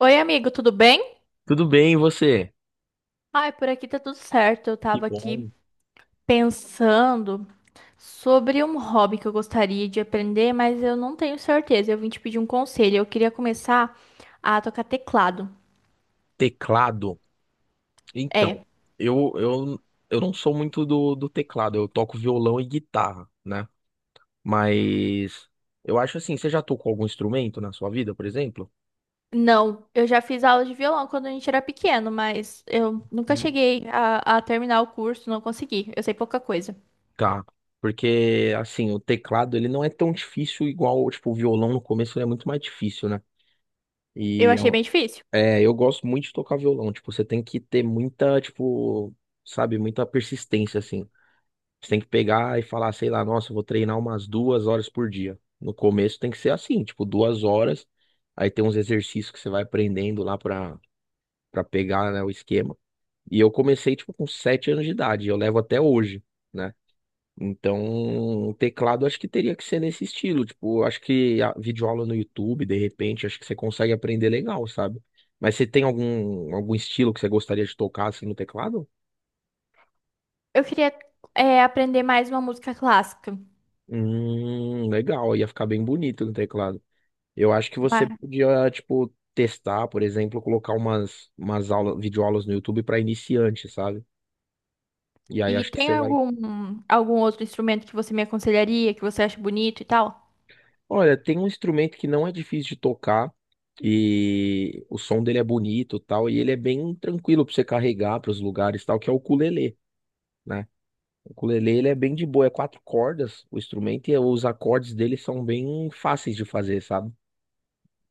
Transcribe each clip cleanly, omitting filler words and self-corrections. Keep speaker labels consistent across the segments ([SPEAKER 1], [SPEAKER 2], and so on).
[SPEAKER 1] Oi, amigo, tudo bem?
[SPEAKER 2] Tudo bem, e você?
[SPEAKER 1] Ai, por aqui tá tudo certo. Eu
[SPEAKER 2] Que
[SPEAKER 1] tava aqui
[SPEAKER 2] bom.
[SPEAKER 1] pensando sobre um hobby que eu gostaria de aprender, mas eu não tenho certeza. Eu vim te pedir um conselho. Eu queria começar a tocar teclado.
[SPEAKER 2] Teclado. Então,
[SPEAKER 1] É,
[SPEAKER 2] eu, eu, eu não sou muito do teclado, eu toco violão e guitarra, né? Mas eu acho assim, você já tocou algum instrumento na sua vida, por exemplo?
[SPEAKER 1] não, eu já fiz aula de violão quando a gente era pequeno, mas eu nunca
[SPEAKER 2] Hum.
[SPEAKER 1] cheguei a terminar o curso, não consegui. Eu sei pouca coisa.
[SPEAKER 2] Tá. Porque, assim, o teclado, ele não é tão difícil igual, tipo, o violão no começo, ele é muito mais difícil, né?
[SPEAKER 1] Eu
[SPEAKER 2] E é,
[SPEAKER 1] achei bem difícil.
[SPEAKER 2] é, eu gosto muito de tocar violão, tipo, você tem que ter muita, tipo, sabe, muita persistência, assim. Você tem que pegar e falar, sei lá, nossa, eu vou treinar umas 2 horas por dia. No começo tem que ser assim, tipo, 2 horas. Aí tem uns exercícios que você vai aprendendo lá pra pegar, né, o esquema. E eu comecei, tipo, com 7 anos de idade. Eu levo até hoje, né? Então, o teclado acho que teria que ser nesse estilo. Tipo, eu acho que a videoaula no YouTube, de repente, acho que você consegue aprender legal, sabe? Mas você tem algum estilo que você gostaria de tocar assim no teclado?
[SPEAKER 1] Eu queria, aprender mais uma música clássica.
[SPEAKER 2] Legal, ia ficar bem bonito no teclado. Eu acho que você podia, tipo, testar, por exemplo, colocar umas aulas, videoaulas no YouTube para iniciante, sabe? E aí
[SPEAKER 1] E
[SPEAKER 2] acho que
[SPEAKER 1] tem
[SPEAKER 2] você vai.
[SPEAKER 1] algum, algum outro instrumento que você me aconselharia, que você acha bonito e tal?
[SPEAKER 2] Olha, tem um instrumento que não é difícil de tocar e o som dele é bonito, e tal, e ele é bem tranquilo para você carregar para os lugares, e tal, que é o ukulele, né? O ukulele ele é bem de boa, é 4 cordas o instrumento e os acordes dele são bem fáceis de fazer, sabe?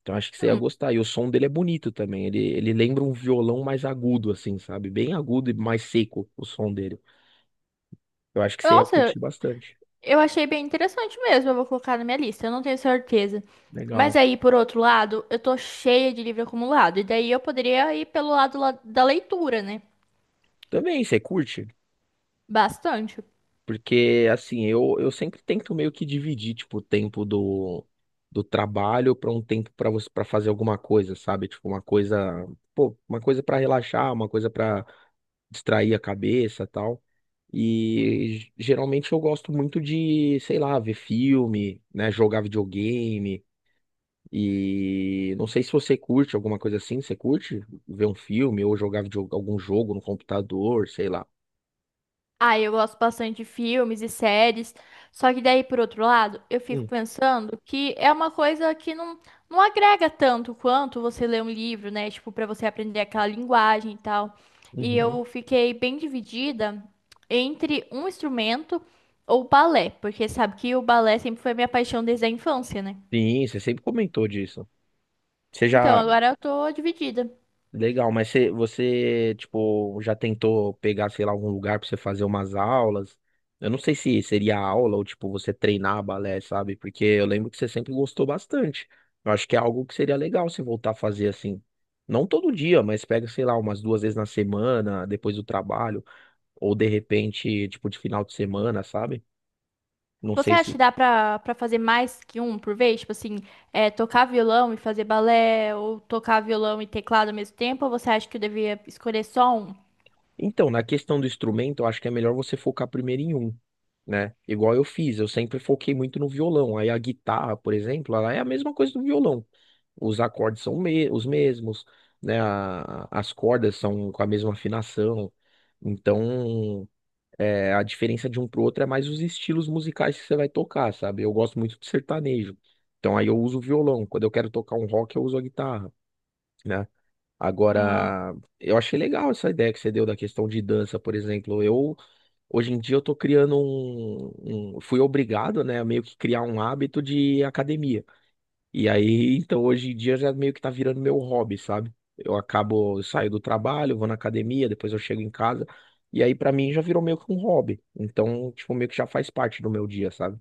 [SPEAKER 2] Então acho que você ia
[SPEAKER 1] Hum,
[SPEAKER 2] gostar. E o som dele é bonito também. Ele lembra um violão mais agudo, assim, sabe? Bem agudo e mais seco o som dele. Eu acho que você ia
[SPEAKER 1] nossa,
[SPEAKER 2] curtir bastante.
[SPEAKER 1] eu achei bem interessante mesmo. Eu vou colocar na minha lista, eu não tenho certeza. Mas
[SPEAKER 2] Legal.
[SPEAKER 1] aí, por outro lado, eu tô cheia de livro acumulado. E daí eu poderia ir pelo lado da leitura, né?
[SPEAKER 2] Também você curte?
[SPEAKER 1] Bastante.
[SPEAKER 2] Porque, assim, eu sempre tento meio que dividir, tipo, o tempo do, do trabalho para um tempo para você para fazer alguma coisa, sabe? Tipo, uma coisa, pô, uma coisa para relaxar, uma coisa para distrair a cabeça, tal. E geralmente eu gosto muito de, sei lá, ver filme, né, jogar videogame. E não sei se você curte alguma coisa assim, você curte ver um filme ou jogar video- algum jogo no computador, sei lá.
[SPEAKER 1] Ah, eu gosto bastante de filmes e séries. Só que daí, por outro lado, eu fico
[SPEAKER 2] Hum,
[SPEAKER 1] pensando que é uma coisa que não, não agrega tanto quanto você ler um livro, né? Tipo, pra você aprender aquela linguagem e tal. E
[SPEAKER 2] uhum.
[SPEAKER 1] eu fiquei bem dividida entre um instrumento ou balé, porque sabe que o balé sempre foi minha paixão desde a infância, né?
[SPEAKER 2] Sim, você sempre comentou disso. Você
[SPEAKER 1] Então,
[SPEAKER 2] já
[SPEAKER 1] agora eu tô dividida.
[SPEAKER 2] Legal, mas você, tipo, já tentou pegar, sei lá, algum lugar pra você fazer umas aulas? Eu não sei se seria aula ou, tipo, você treinar balé, sabe? Porque eu lembro que você sempre gostou bastante. Eu acho que é algo que seria legal você voltar a fazer assim. Não todo dia, mas pega, sei lá, umas duas vezes na semana, depois do trabalho, ou de repente, tipo, de final de semana, sabe? Não
[SPEAKER 1] Você
[SPEAKER 2] sei
[SPEAKER 1] acha
[SPEAKER 2] se.
[SPEAKER 1] que dá pra fazer mais que um por vez? Tipo assim, tocar violão e fazer balé, ou tocar violão e teclado ao mesmo tempo? Ou você acha que eu devia escolher só um?
[SPEAKER 2] Então, na questão do instrumento, eu acho que é melhor você focar primeiro em um, né? Igual eu fiz, eu sempre foquei muito no violão. Aí a guitarra, por exemplo, ela é a mesma coisa do violão. Os acordes são os mesmos, né? As cordas são com a mesma afinação. Então, é, a diferença de um pro outro é mais os estilos musicais que você vai tocar, sabe? Eu gosto muito de sertanejo. Então, aí eu uso o violão. Quando eu quero tocar um rock, eu uso a guitarra. Né?
[SPEAKER 1] Ah,
[SPEAKER 2] Agora, eu achei legal essa ideia que você deu da questão de dança, por exemplo. Eu, hoje em dia, eu tô criando um, fui obrigado, né, a meio que criar um hábito de academia. E aí, então, hoje em dia, já meio que tá virando meu hobby, sabe? Eu acabo, eu saio do trabalho, vou na academia, depois eu chego em casa. E aí, pra mim, já virou meio que um hobby. Então, tipo, meio que já faz parte do meu dia, sabe?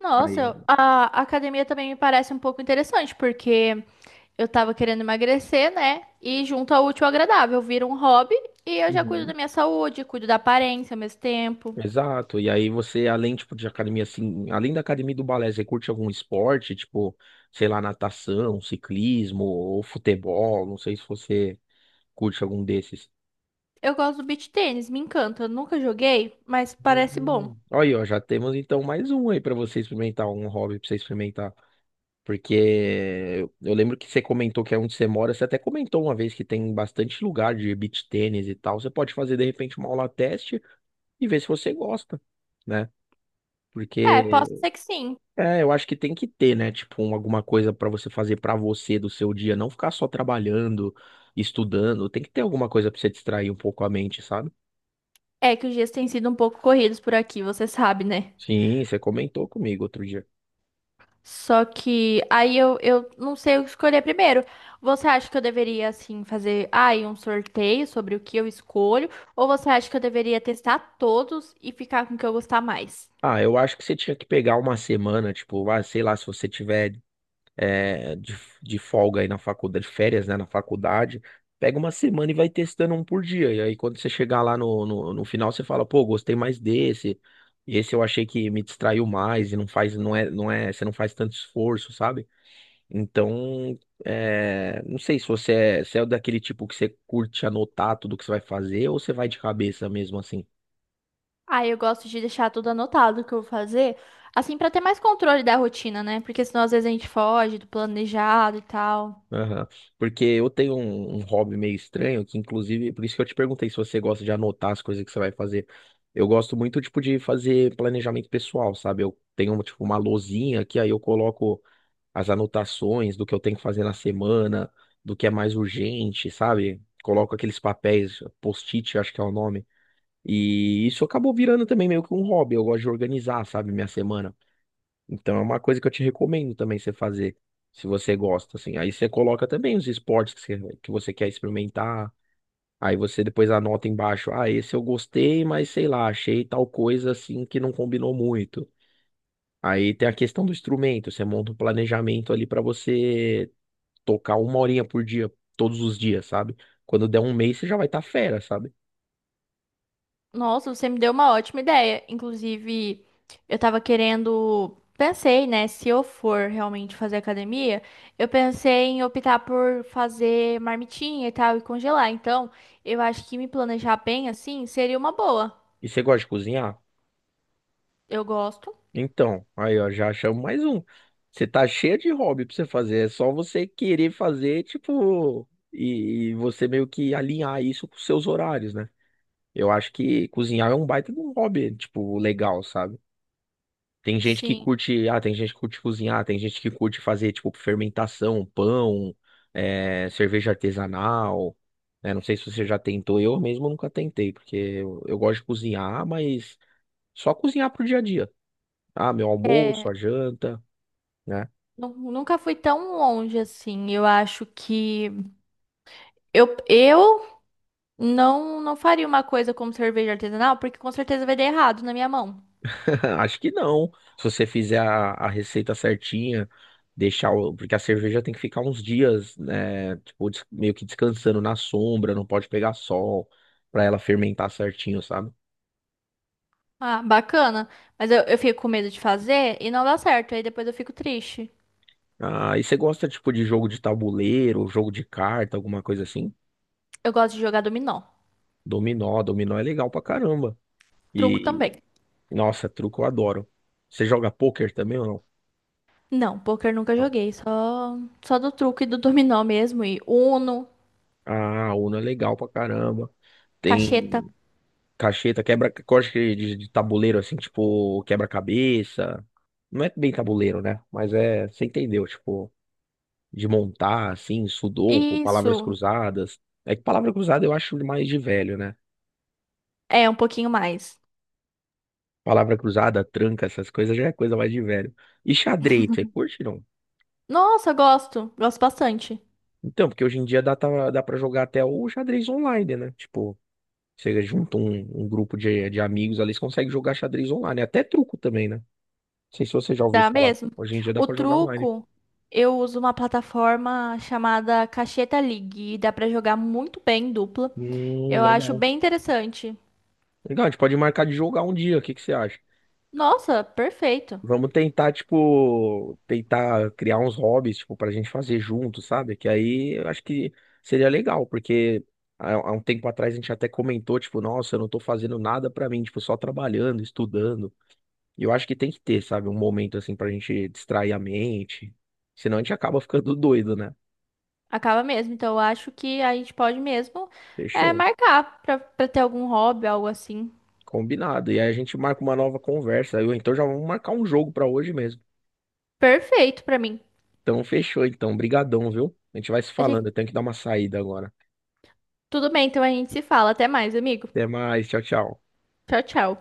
[SPEAKER 1] nossa,
[SPEAKER 2] Aí.
[SPEAKER 1] a academia também me parece um pouco interessante, porque eu tava querendo emagrecer, né? E junto ao útil ao agradável, vira um hobby e eu já cuido da
[SPEAKER 2] Uhum.
[SPEAKER 1] minha saúde, cuido da aparência ao mesmo tempo.
[SPEAKER 2] Exato. E aí você, além, tipo, de academia, assim, além da academia e do balé, você curte algum esporte, tipo, sei lá, natação, ciclismo ou futebol? Não sei se você curte algum desses.
[SPEAKER 1] Eu gosto do beach tênis, me encanta. Eu nunca joguei, mas parece bom.
[SPEAKER 2] Uhum. Olha, ó, já temos então mais um aí pra você experimentar, um hobby pra você experimentar. Porque eu lembro que você comentou que é onde você mora, você até comentou uma vez que tem bastante lugar de beach tênis e tal. Você pode fazer de repente uma aula teste e ver se você gosta, né?
[SPEAKER 1] É, posso
[SPEAKER 2] Porque
[SPEAKER 1] ser que sim.
[SPEAKER 2] É, eu acho que tem que ter, né? Tipo, um- alguma coisa pra você fazer pra você do seu dia, não ficar só trabalhando, estudando. Tem que ter alguma coisa pra você distrair um pouco a mente, sabe?
[SPEAKER 1] É que os dias têm sido um pouco corridos por aqui, você sabe, né?
[SPEAKER 2] Sim, você comentou comigo outro dia.
[SPEAKER 1] Só que aí eu não sei o que escolher primeiro. Você acha que eu deveria, assim, fazer aí um sorteio sobre o que eu escolho? Ou você acha que eu deveria testar todos e ficar com o que eu gostar mais?
[SPEAKER 2] Ah, eu acho que você tinha que pegar uma semana, tipo, ah, sei lá, se você tiver é, de folga aí na faculdade, de férias, né, na faculdade. Pega uma semana e vai testando um por dia. E aí, quando você chegar lá no, no, no final, você fala, pô, gostei mais desse. Esse eu achei que me distraiu mais e não faz, não é, não é, você não faz tanto esforço, sabe? Então, é, não sei se você é, se é daquele tipo que você curte anotar tudo que você vai fazer ou você vai de cabeça mesmo assim.
[SPEAKER 1] Aí eu gosto de deixar tudo anotado o que eu vou fazer, assim, pra ter mais controle da rotina, né? Porque senão às vezes a gente foge do planejado e tal.
[SPEAKER 2] Aham. Porque eu tenho um hobby meio estranho, que inclusive, por isso que eu te perguntei se você gosta de anotar as coisas que você vai fazer. Eu gosto muito, tipo, de fazer planejamento pessoal, sabe? Eu tenho, tipo, uma lousinha que aí eu coloco as anotações do que eu tenho que fazer na semana, do que é mais urgente, sabe? Coloco aqueles papéis, post-it, acho que é o nome. E isso acabou virando também meio que um hobby. Eu gosto de organizar, sabe, minha semana. Então é uma coisa que eu te recomendo também você fazer, se você gosta, assim. Aí você coloca também os esportes que que você quer experimentar. Aí você depois anota embaixo, ah, esse eu gostei, mas sei lá, achei tal coisa assim que não combinou muito. Aí tem a questão do instrumento, você monta um planejamento ali pra você tocar uma horinha por dia, todos os dias, sabe? Quando der um mês, você já vai estar fera, sabe?
[SPEAKER 1] Nossa, você me deu uma ótima ideia. Inclusive, eu tava querendo. Pensei, né? Se eu for realmente fazer academia, eu pensei em optar por fazer marmitinha e tal e congelar. Então, eu acho que me planejar bem assim seria uma boa.
[SPEAKER 2] E você gosta de cozinhar?
[SPEAKER 1] Eu gosto,
[SPEAKER 2] Então, aí ó, já achamos mais um. Você tá cheio de hobby pra você fazer, é só você querer fazer, tipo, e você meio que alinhar isso com os seus horários, né? Eu acho que cozinhar é um baita de um hobby, tipo, legal, sabe? Tem gente que
[SPEAKER 1] sim.
[SPEAKER 2] curte, ah, tem gente que curte cozinhar, tem gente que curte fazer, tipo, fermentação, pão, é, cerveja artesanal, né? Não sei se você já tentou, eu mesmo nunca tentei, porque eu gosto de cozinhar, mas só cozinhar pro dia a dia. Ah, meu almoço,
[SPEAKER 1] É,
[SPEAKER 2] a janta, né?
[SPEAKER 1] nunca fui tão longe assim. Eu acho que eu não, não faria uma coisa como cerveja artesanal, porque com certeza vai dar errado na minha mão.
[SPEAKER 2] Acho que não. Se você fizer a receita certinha, deixar o, porque a cerveja tem que ficar uns dias, né, tipo, des- meio que descansando na sombra, não pode pegar sol pra ela fermentar certinho, sabe?
[SPEAKER 1] Ah, bacana. Mas eu fico com medo de fazer e não dá certo. Aí depois eu fico triste.
[SPEAKER 2] Ah, e você gosta tipo de jogo de tabuleiro, jogo de carta, alguma coisa assim?
[SPEAKER 1] Eu gosto de jogar dominó.
[SPEAKER 2] Dominó, dominó é legal pra caramba.
[SPEAKER 1] Truco
[SPEAKER 2] E
[SPEAKER 1] também.
[SPEAKER 2] nossa, truco eu adoro. Você joga pôquer também ou não?
[SPEAKER 1] Não, poker nunca
[SPEAKER 2] Não.
[SPEAKER 1] joguei. Só, só do truco e do dominó mesmo. E Uno,
[SPEAKER 2] Ah, Uno é legal pra caramba.
[SPEAKER 1] cacheta.
[SPEAKER 2] Tem. Cacheta, quebra, corte de tabuleiro, assim, tipo, quebra-cabeça. Não é bem tabuleiro, né? Mas é, você entendeu, tipo, de montar, assim, sudoku, palavras
[SPEAKER 1] Isso.
[SPEAKER 2] cruzadas. É que palavra cruzada eu acho mais de velho, né?
[SPEAKER 1] É, um pouquinho mais.
[SPEAKER 2] Palavra cruzada, tranca, essas coisas já é coisa mais de velho. E xadrez, você curte, não?
[SPEAKER 1] Nossa, gosto. Gosto bastante.
[SPEAKER 2] Então, porque hoje em dia dá pra jogar até o xadrez online, né? Tipo, você junta um grupo de amigos ali, você consegue jogar xadrez online. Até truco também, né? Não sei se você já ouviu
[SPEAKER 1] Dá
[SPEAKER 2] falar.
[SPEAKER 1] mesmo.
[SPEAKER 2] Hoje em dia dá
[SPEAKER 1] O
[SPEAKER 2] pra jogar online.
[SPEAKER 1] truco, eu uso uma plataforma chamada Cacheta League. E dá pra jogar muito bem em dupla. Eu acho
[SPEAKER 2] Legal.
[SPEAKER 1] bem interessante.
[SPEAKER 2] Legal, a gente pode marcar de jogar um dia, o que que você acha?
[SPEAKER 1] Nossa, perfeito.
[SPEAKER 2] Vamos tentar, tipo, tentar criar uns hobbies, tipo, pra gente fazer junto, sabe? Que aí eu acho que seria legal, porque há um tempo atrás a gente até comentou, tipo, nossa, eu não tô fazendo nada pra mim, tipo, só trabalhando, estudando. E eu acho que tem que ter, sabe, um momento assim pra gente distrair a mente. Senão a gente acaba ficando doido, né?
[SPEAKER 1] Acaba mesmo. Então eu acho que a gente pode mesmo
[SPEAKER 2] Fechou.
[SPEAKER 1] marcar pra ter algum hobby, algo assim.
[SPEAKER 2] Combinado. E aí a gente marca uma nova conversa. Então já vamos marcar um jogo pra hoje mesmo.
[SPEAKER 1] Perfeito pra mim.
[SPEAKER 2] Então, fechou, então. Brigadão, viu? A gente vai se
[SPEAKER 1] Eu
[SPEAKER 2] falando.
[SPEAKER 1] te-
[SPEAKER 2] Eu tenho que dar uma saída agora.
[SPEAKER 1] Tudo bem, então a gente se fala. Até mais, amigo.
[SPEAKER 2] Até mais. Tchau, tchau.
[SPEAKER 1] Tchau, tchau.